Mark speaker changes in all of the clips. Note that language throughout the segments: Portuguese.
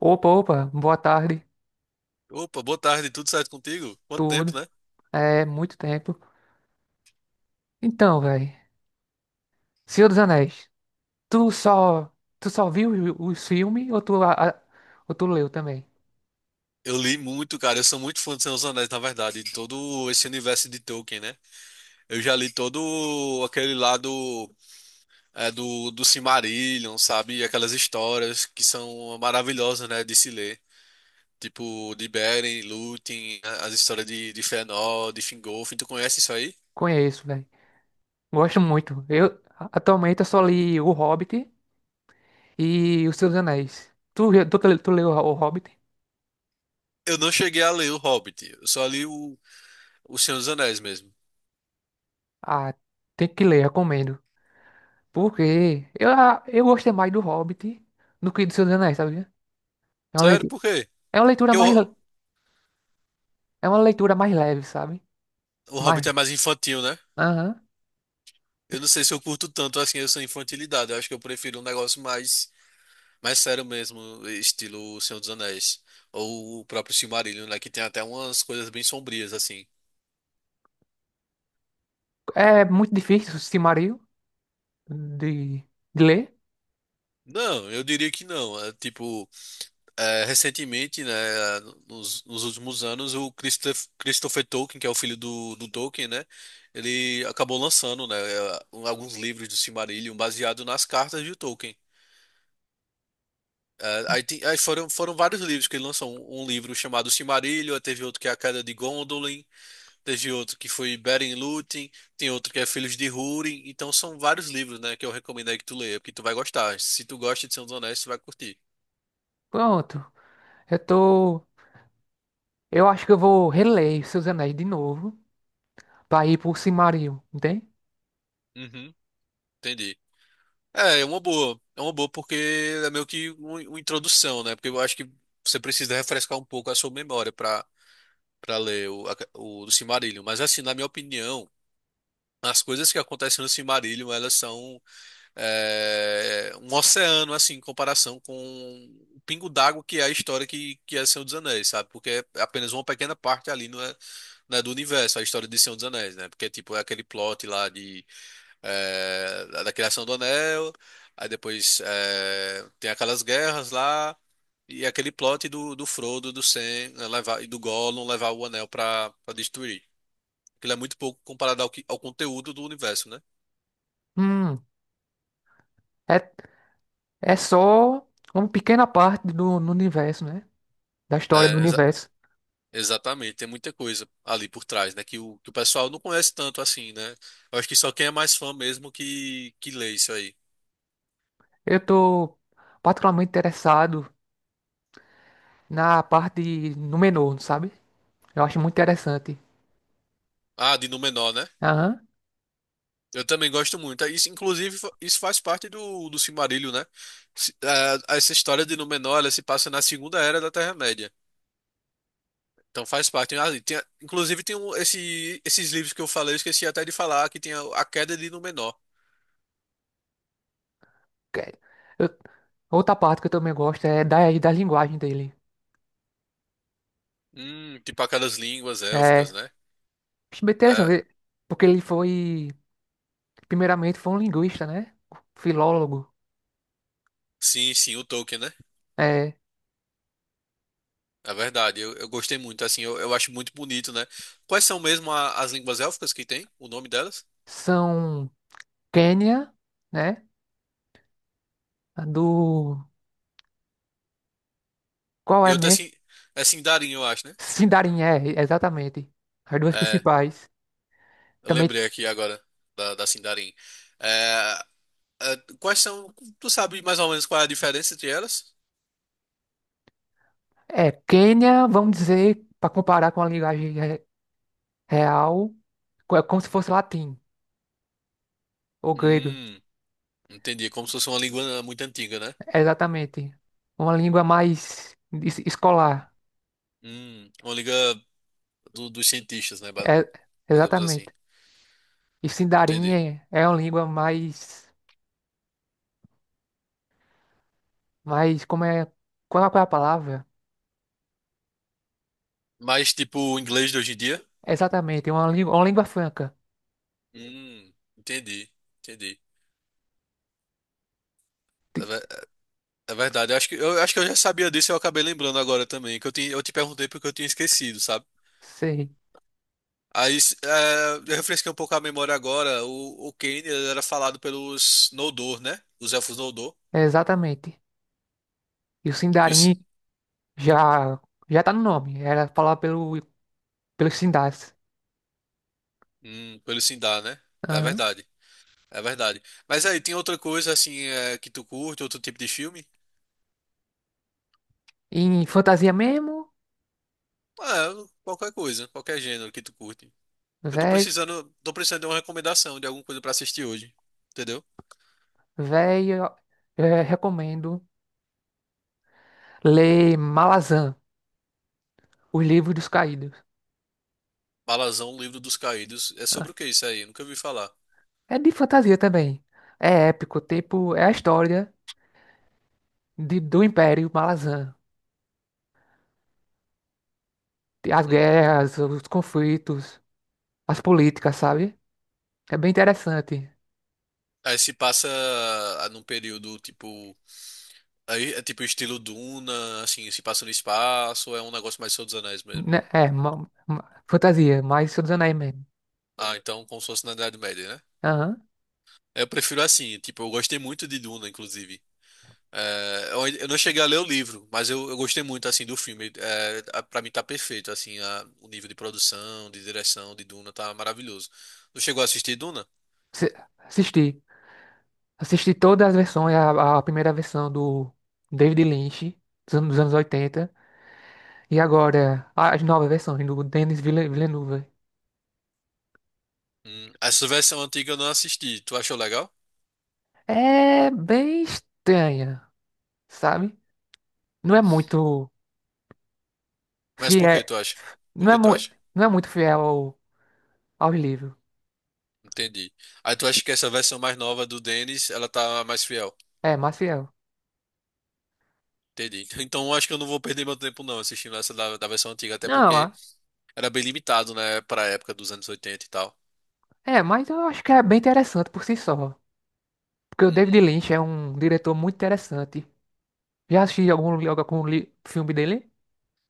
Speaker 1: Opa, opa, boa tarde,
Speaker 2: Opa, boa tarde, tudo certo contigo? Quanto tempo,
Speaker 1: tudo.
Speaker 2: né?
Speaker 1: É muito tempo. Então, velho, Senhor dos Anéis, tu só, tu só viu os filmes ou tu leu também?
Speaker 2: Eu li muito, cara. Eu sou muito fã de Senhor dos Anéis, na verdade, de todo esse universo de Tolkien, né? Eu já li todo aquele lado do Silmarillion, sabe? Aquelas histórias que são maravilhosas, né? De se ler. Tipo, de Beren, Lúthien, as histórias de Fëanor, de Fingolfin. Tu conhece isso aí?
Speaker 1: Conheço, velho. Gosto muito. Eu atualmente eu só li O Hobbit e os Senhor dos Anéis. Tu leu O Hobbit?
Speaker 2: Eu não cheguei a ler o Hobbit. Eu só li o Senhor dos Anéis mesmo.
Speaker 1: Ah, tem que ler, recomendo. Porque eu gostei mais do Hobbit do que do Senhor dos Anéis, sabia? É uma
Speaker 2: Sério,
Speaker 1: leitura,
Speaker 2: por quê?
Speaker 1: é uma leitura
Speaker 2: Porque o,
Speaker 1: mais,
Speaker 2: Ho-
Speaker 1: le- é uma leitura mais leve, sabe?
Speaker 2: o
Speaker 1: Mais,
Speaker 2: Hobbit é mais infantil, né?
Speaker 1: aham.
Speaker 2: Eu não sei se eu curto tanto assim essa infantilidade. Eu acho que eu prefiro um negócio mais sério mesmo, estilo Senhor dos Anéis. Ou o próprio Silmarillion, né? Que tem até umas coisas bem sombrias, assim.
Speaker 1: É muito difícil o Silmarillion de, de ler.
Speaker 2: Não, eu diria que não. É, tipo, é, recentemente, né? Nos últimos anos, o Christopher Tolkien, que é o filho do Tolkien, né? Ele acabou lançando, né? Alguns livros do Silmarillion baseado nas cartas de Tolkien. É, aí, tem- aí foram, foram vários livros que ele lançou. Um livro chamado Silmarillion, aí teve outro que é A Queda de Gondolin, teve outro que foi Beren e Lúthien, tem outro que é Filhos de Húrin. Então são vários livros, né, que eu recomendo aí que tu leia, porque tu vai gostar. Se tu gosta de Senhor dos Anéis, tu vai curtir.
Speaker 1: Pronto, eu tô. Eu acho que eu vou reler Seus Anéis de novo pra ir pro Silmarillion, entende?
Speaker 2: Uhum, entendi. É, é uma boa. É uma boa porque é meio que uma introdução, né? Porque eu acho que você precisa refrescar um pouco a sua memória para para ler o, a- o, do Silmarillion. Mas assim, na minha opinião, as coisas que acontecem no Silmarillion, elas são um oceano, assim, em comparação com o pingo d'água que é a história que é Senhor dos Anéis, sabe? Porque é apenas uma pequena parte ali, não é do universo, é a história de Senhor dos Anéis, né? Porque, tipo, é aquele plot lá de, é, da criação do Anel, aí depois é, tem aquelas guerras lá, e é aquele plot do Frodo, do Sam, né, levar, e do Gollum levar o Anel pra destruir. Aquilo é muito pouco comparado ao conteúdo do universo, né?
Speaker 1: Hum, é, é só uma pequena parte do no universo, né? Da história do
Speaker 2: É, exa-
Speaker 1: universo.
Speaker 2: Exatamente, tem muita coisa ali por trás, né? Que o pessoal não conhece tanto assim, né? Eu acho que só quem é mais fã mesmo que lê isso aí.
Speaker 1: Eu tô particularmente interessado na parte de Númenor, sabe? Eu acho muito interessante.
Speaker 2: Ah, de Númenor, né?
Speaker 1: Aham.
Speaker 2: Eu também gosto muito. É, isso, inclusive, isso faz parte do Silmarillion, né? Essa história de Númenor, ela se passa na Segunda Era da Terra-média. Então faz parte. Ah, e tem, inclusive, tem esses livros que eu falei, eu esqueci até de falar, que tem a Queda de Númenor.
Speaker 1: Que- eu- Outra parte que eu também gosto é da linguagem dele.
Speaker 2: Tipo aquelas línguas élficas,
Speaker 1: É.
Speaker 2: né?
Speaker 1: Acho bem
Speaker 2: É,
Speaker 1: interessante, porque ele foi, primeiramente, foi um linguista, né? Filólogo.
Speaker 2: sim, sim, o Tolkien, né?
Speaker 1: É,
Speaker 2: É verdade, eu gostei muito, assim, eu acho muito bonito, né? Quais são mesmo as línguas élficas que tem, o nome delas?
Speaker 1: são Quênia, né? A Do. Qual
Speaker 2: E
Speaker 1: é
Speaker 2: outra,
Speaker 1: mesmo?
Speaker 2: assim, é Sindarin, eu acho, né?
Speaker 1: Sindarin, é, exatamente. As duas
Speaker 2: É,
Speaker 1: principais.
Speaker 2: eu
Speaker 1: Também
Speaker 2: lembrei aqui agora da Sindarin. É, é, quais são, tu sabe mais ou menos qual é a diferença entre elas?
Speaker 1: é Quênia, vamos dizer, para comparar com a linguagem real, é como se fosse latim ou grego.
Speaker 2: Hum, entendi, como se fosse uma língua muito antiga, né?
Speaker 1: Exatamente. Uma língua mais escolar.
Speaker 2: Uma língua dos cientistas, né?
Speaker 1: É,
Speaker 2: Digamos assim,
Speaker 1: exatamente. E Sindarin
Speaker 2: entendi.
Speaker 1: é uma língua mais. Mas como é. Qual é a palavra?
Speaker 2: Mas, tipo, o inglês de hoje em dia?
Speaker 1: Exatamente, é uma língua franca.
Speaker 2: Hum, entendi, entendi.
Speaker 1: Ti-
Speaker 2: É verdade, eu acho acho que eu já sabia disso e eu acabei lembrando agora também, eu te perguntei porque eu tinha esquecido, sabe?
Speaker 1: Sei,
Speaker 2: Aí eu refresquei um pouco a memória agora, o Kane ele era falado pelos Noldor, né? Os elfos Noldor
Speaker 1: é exatamente. E o
Speaker 2: e os,
Speaker 1: Sindarin já, já tá no nome, era falado pelos Sindars.
Speaker 2: pelo Sindar, né? É
Speaker 1: Aham.
Speaker 2: verdade, é verdade. Mas aí, tem outra coisa assim que tu curte, outro tipo de filme?
Speaker 1: E em fantasia mesmo,
Speaker 2: Ah, qualquer coisa, qualquer gênero que tu curte. Eu tô
Speaker 1: velho,
Speaker 2: tô precisando de uma recomendação de alguma coisa pra assistir hoje, entendeu?
Speaker 1: velho, recomendo ler Malazan, Os Livros dos Caídos.
Speaker 2: Balazão, Livro dos Caídos, é
Speaker 1: Ah,
Speaker 2: sobre o que isso aí? Eu nunca ouvi falar.
Speaker 1: é de fantasia também. É épico, tipo, é a história do Império Malazan. As
Speaker 2: Hum.
Speaker 1: guerras, os conflitos, as políticas, sabe? É bem interessante.
Speaker 2: Aí se passa ah, num período tipo. Aí é tipo estilo Duna, assim, se passa no espaço, ou é um negócio mais Senhor dos Anéis mesmo.
Speaker 1: Né? É, fantasia, mais Senhor dos Anéis mesmo.
Speaker 2: Ah, então como se fosse na Idade Média, né?
Speaker 1: Aham.
Speaker 2: Eu prefiro assim, tipo, eu gostei muito de Duna, inclusive. É, eu não cheguei a ler o livro, mas eu gostei muito, assim, do filme. É, pra mim tá perfeito, assim, o nível de produção, de direção de Duna tá maravilhoso. Tu chegou a assistir Duna?
Speaker 1: Se- Assisti. Assisti todas as versões, a primeira versão do David Lynch, dos anos 80, e agora as novas versões do Denis Villeneuve.
Speaker 2: Essa versão antiga eu não assisti. Tu achou legal?
Speaker 1: É bem estranha, sabe? Não é muito
Speaker 2: Mas por que
Speaker 1: fiel.
Speaker 2: tu acha? Por
Speaker 1: Não é,
Speaker 2: que tu
Speaker 1: mu
Speaker 2: acha?
Speaker 1: não é muito fiel ao livro.
Speaker 2: Entendi. Aí tu acha que essa versão mais nova do Dennis, ela tá mais fiel?
Speaker 1: É, mais fiel.
Speaker 2: Entendi. Então eu acho que eu não vou perder meu tempo não assistindo essa da versão antiga, até
Speaker 1: Não,
Speaker 2: porque era bem limitado, né, pra época dos anos 80 e tal.
Speaker 1: mas eu acho que é bem interessante por si só. Porque o David
Speaker 2: Uhum.
Speaker 1: Lynch é um diretor muito interessante. Já assisti algum filme dele?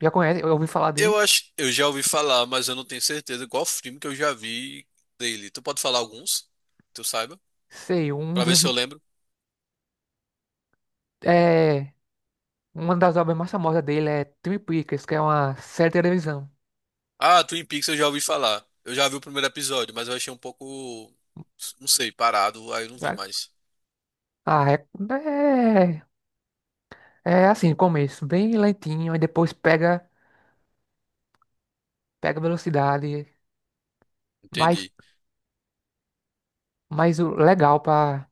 Speaker 1: Já conhece? Eu ouvi falar
Speaker 2: Eu
Speaker 1: dele?
Speaker 2: acho, eu já ouvi falar, mas eu não tenho certeza qual filme que eu já vi dele. Tu pode falar alguns? Que tu saiba?
Speaker 1: Sei,
Speaker 2: Pra ver se eu lembro.
Speaker 1: é, uma das obras mais famosas dele é Twin Peaks, que é uma série de televisão.
Speaker 2: Ah, Twin Peaks eu já ouvi falar. Eu já vi o primeiro episódio, mas eu achei um pouco, não sei, parado, aí eu não vi
Speaker 1: Sabe?
Speaker 2: mais.
Speaker 1: Ah, é, é assim, começo bem lentinho, e depois pega velocidade. Mas,
Speaker 2: Entendi.
Speaker 1: mas o legal pra,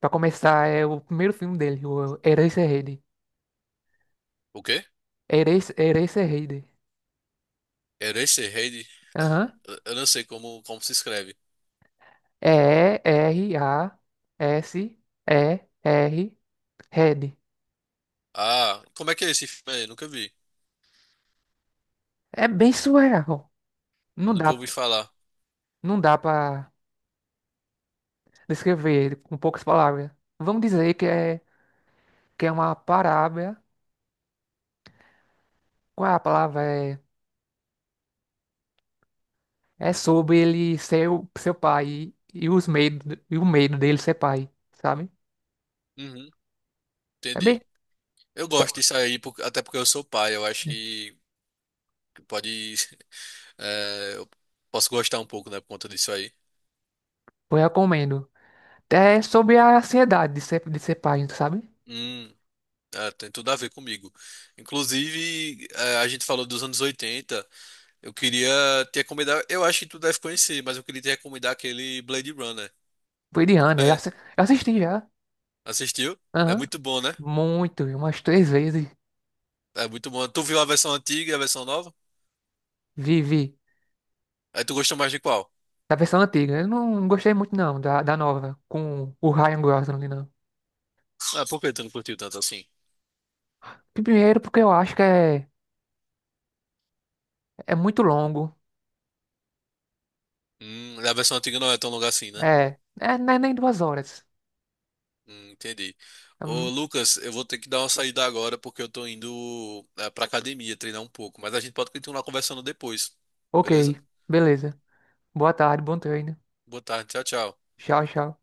Speaker 1: pra começar é o primeiro filme dele, o Eraserhead.
Speaker 2: O quê?
Speaker 1: Eraserhead.
Speaker 2: Eraserhead? Eu não sei como, como se escreve.
Speaker 1: E-R-A-S-E-R, Red.
Speaker 2: Ah, como é que é esse filme aí? Nunca vi.
Speaker 1: É bem surreal.
Speaker 2: Eu
Speaker 1: Não
Speaker 2: nunca
Speaker 1: dá,
Speaker 2: ouvi falar.
Speaker 1: não dá para descrever com poucas palavras. Vamos dizer que é uma parábola. Qual é a palavra? É sobre ele ser seu pai e o medo dele ser pai, sabe?
Speaker 2: Uhum,
Speaker 1: É bem.
Speaker 2: entendi. Eu gosto
Speaker 1: só-
Speaker 2: disso aí, até porque eu sou pai. Eu acho que pode. Eu posso gostar um pouco, né, por conta disso aí.
Speaker 1: Eu recomendo. É sobre a ansiedade de ser pai, sabe?
Speaker 2: Hum, é, tem tudo a ver comigo. Inclusive, a gente falou dos anos 80. Eu queria te recomendar. Eu acho que tu deve conhecer, mas eu queria te recomendar aquele Blade Runner.
Speaker 1: Foi de
Speaker 2: Tu
Speaker 1: Ana, eu
Speaker 2: conhece?
Speaker 1: assi- eu assisti já.
Speaker 2: Assistiu? É
Speaker 1: Aham.
Speaker 2: muito bom, né?
Speaker 1: Muito, umas três vezes.
Speaker 2: É muito bom. Tu viu a versão antiga e a versão nova?
Speaker 1: Vi, vi.
Speaker 2: Aí tu gostou mais de qual?
Speaker 1: Da versão antiga. Eu não gostei muito, não, da nova, com o Ryan Gosling não.
Speaker 2: Ah, por que tu não curtiu tanto assim?
Speaker 1: Primeiro, porque eu acho que é muito longo.
Speaker 2: A versão antiga não é tão longa assim, né?
Speaker 1: É, é, não é nem 2 horas.
Speaker 2: Entendi. Ô,
Speaker 1: Hum,
Speaker 2: Lucas, eu vou ter que dar uma saída agora porque eu tô indo pra academia treinar um pouco, mas a gente pode continuar conversando depois,
Speaker 1: ok,
Speaker 2: beleza?
Speaker 1: beleza. Boa tarde, bom treino.
Speaker 2: Boa tarde, tchau, tchau.
Speaker 1: Tchau, tchau.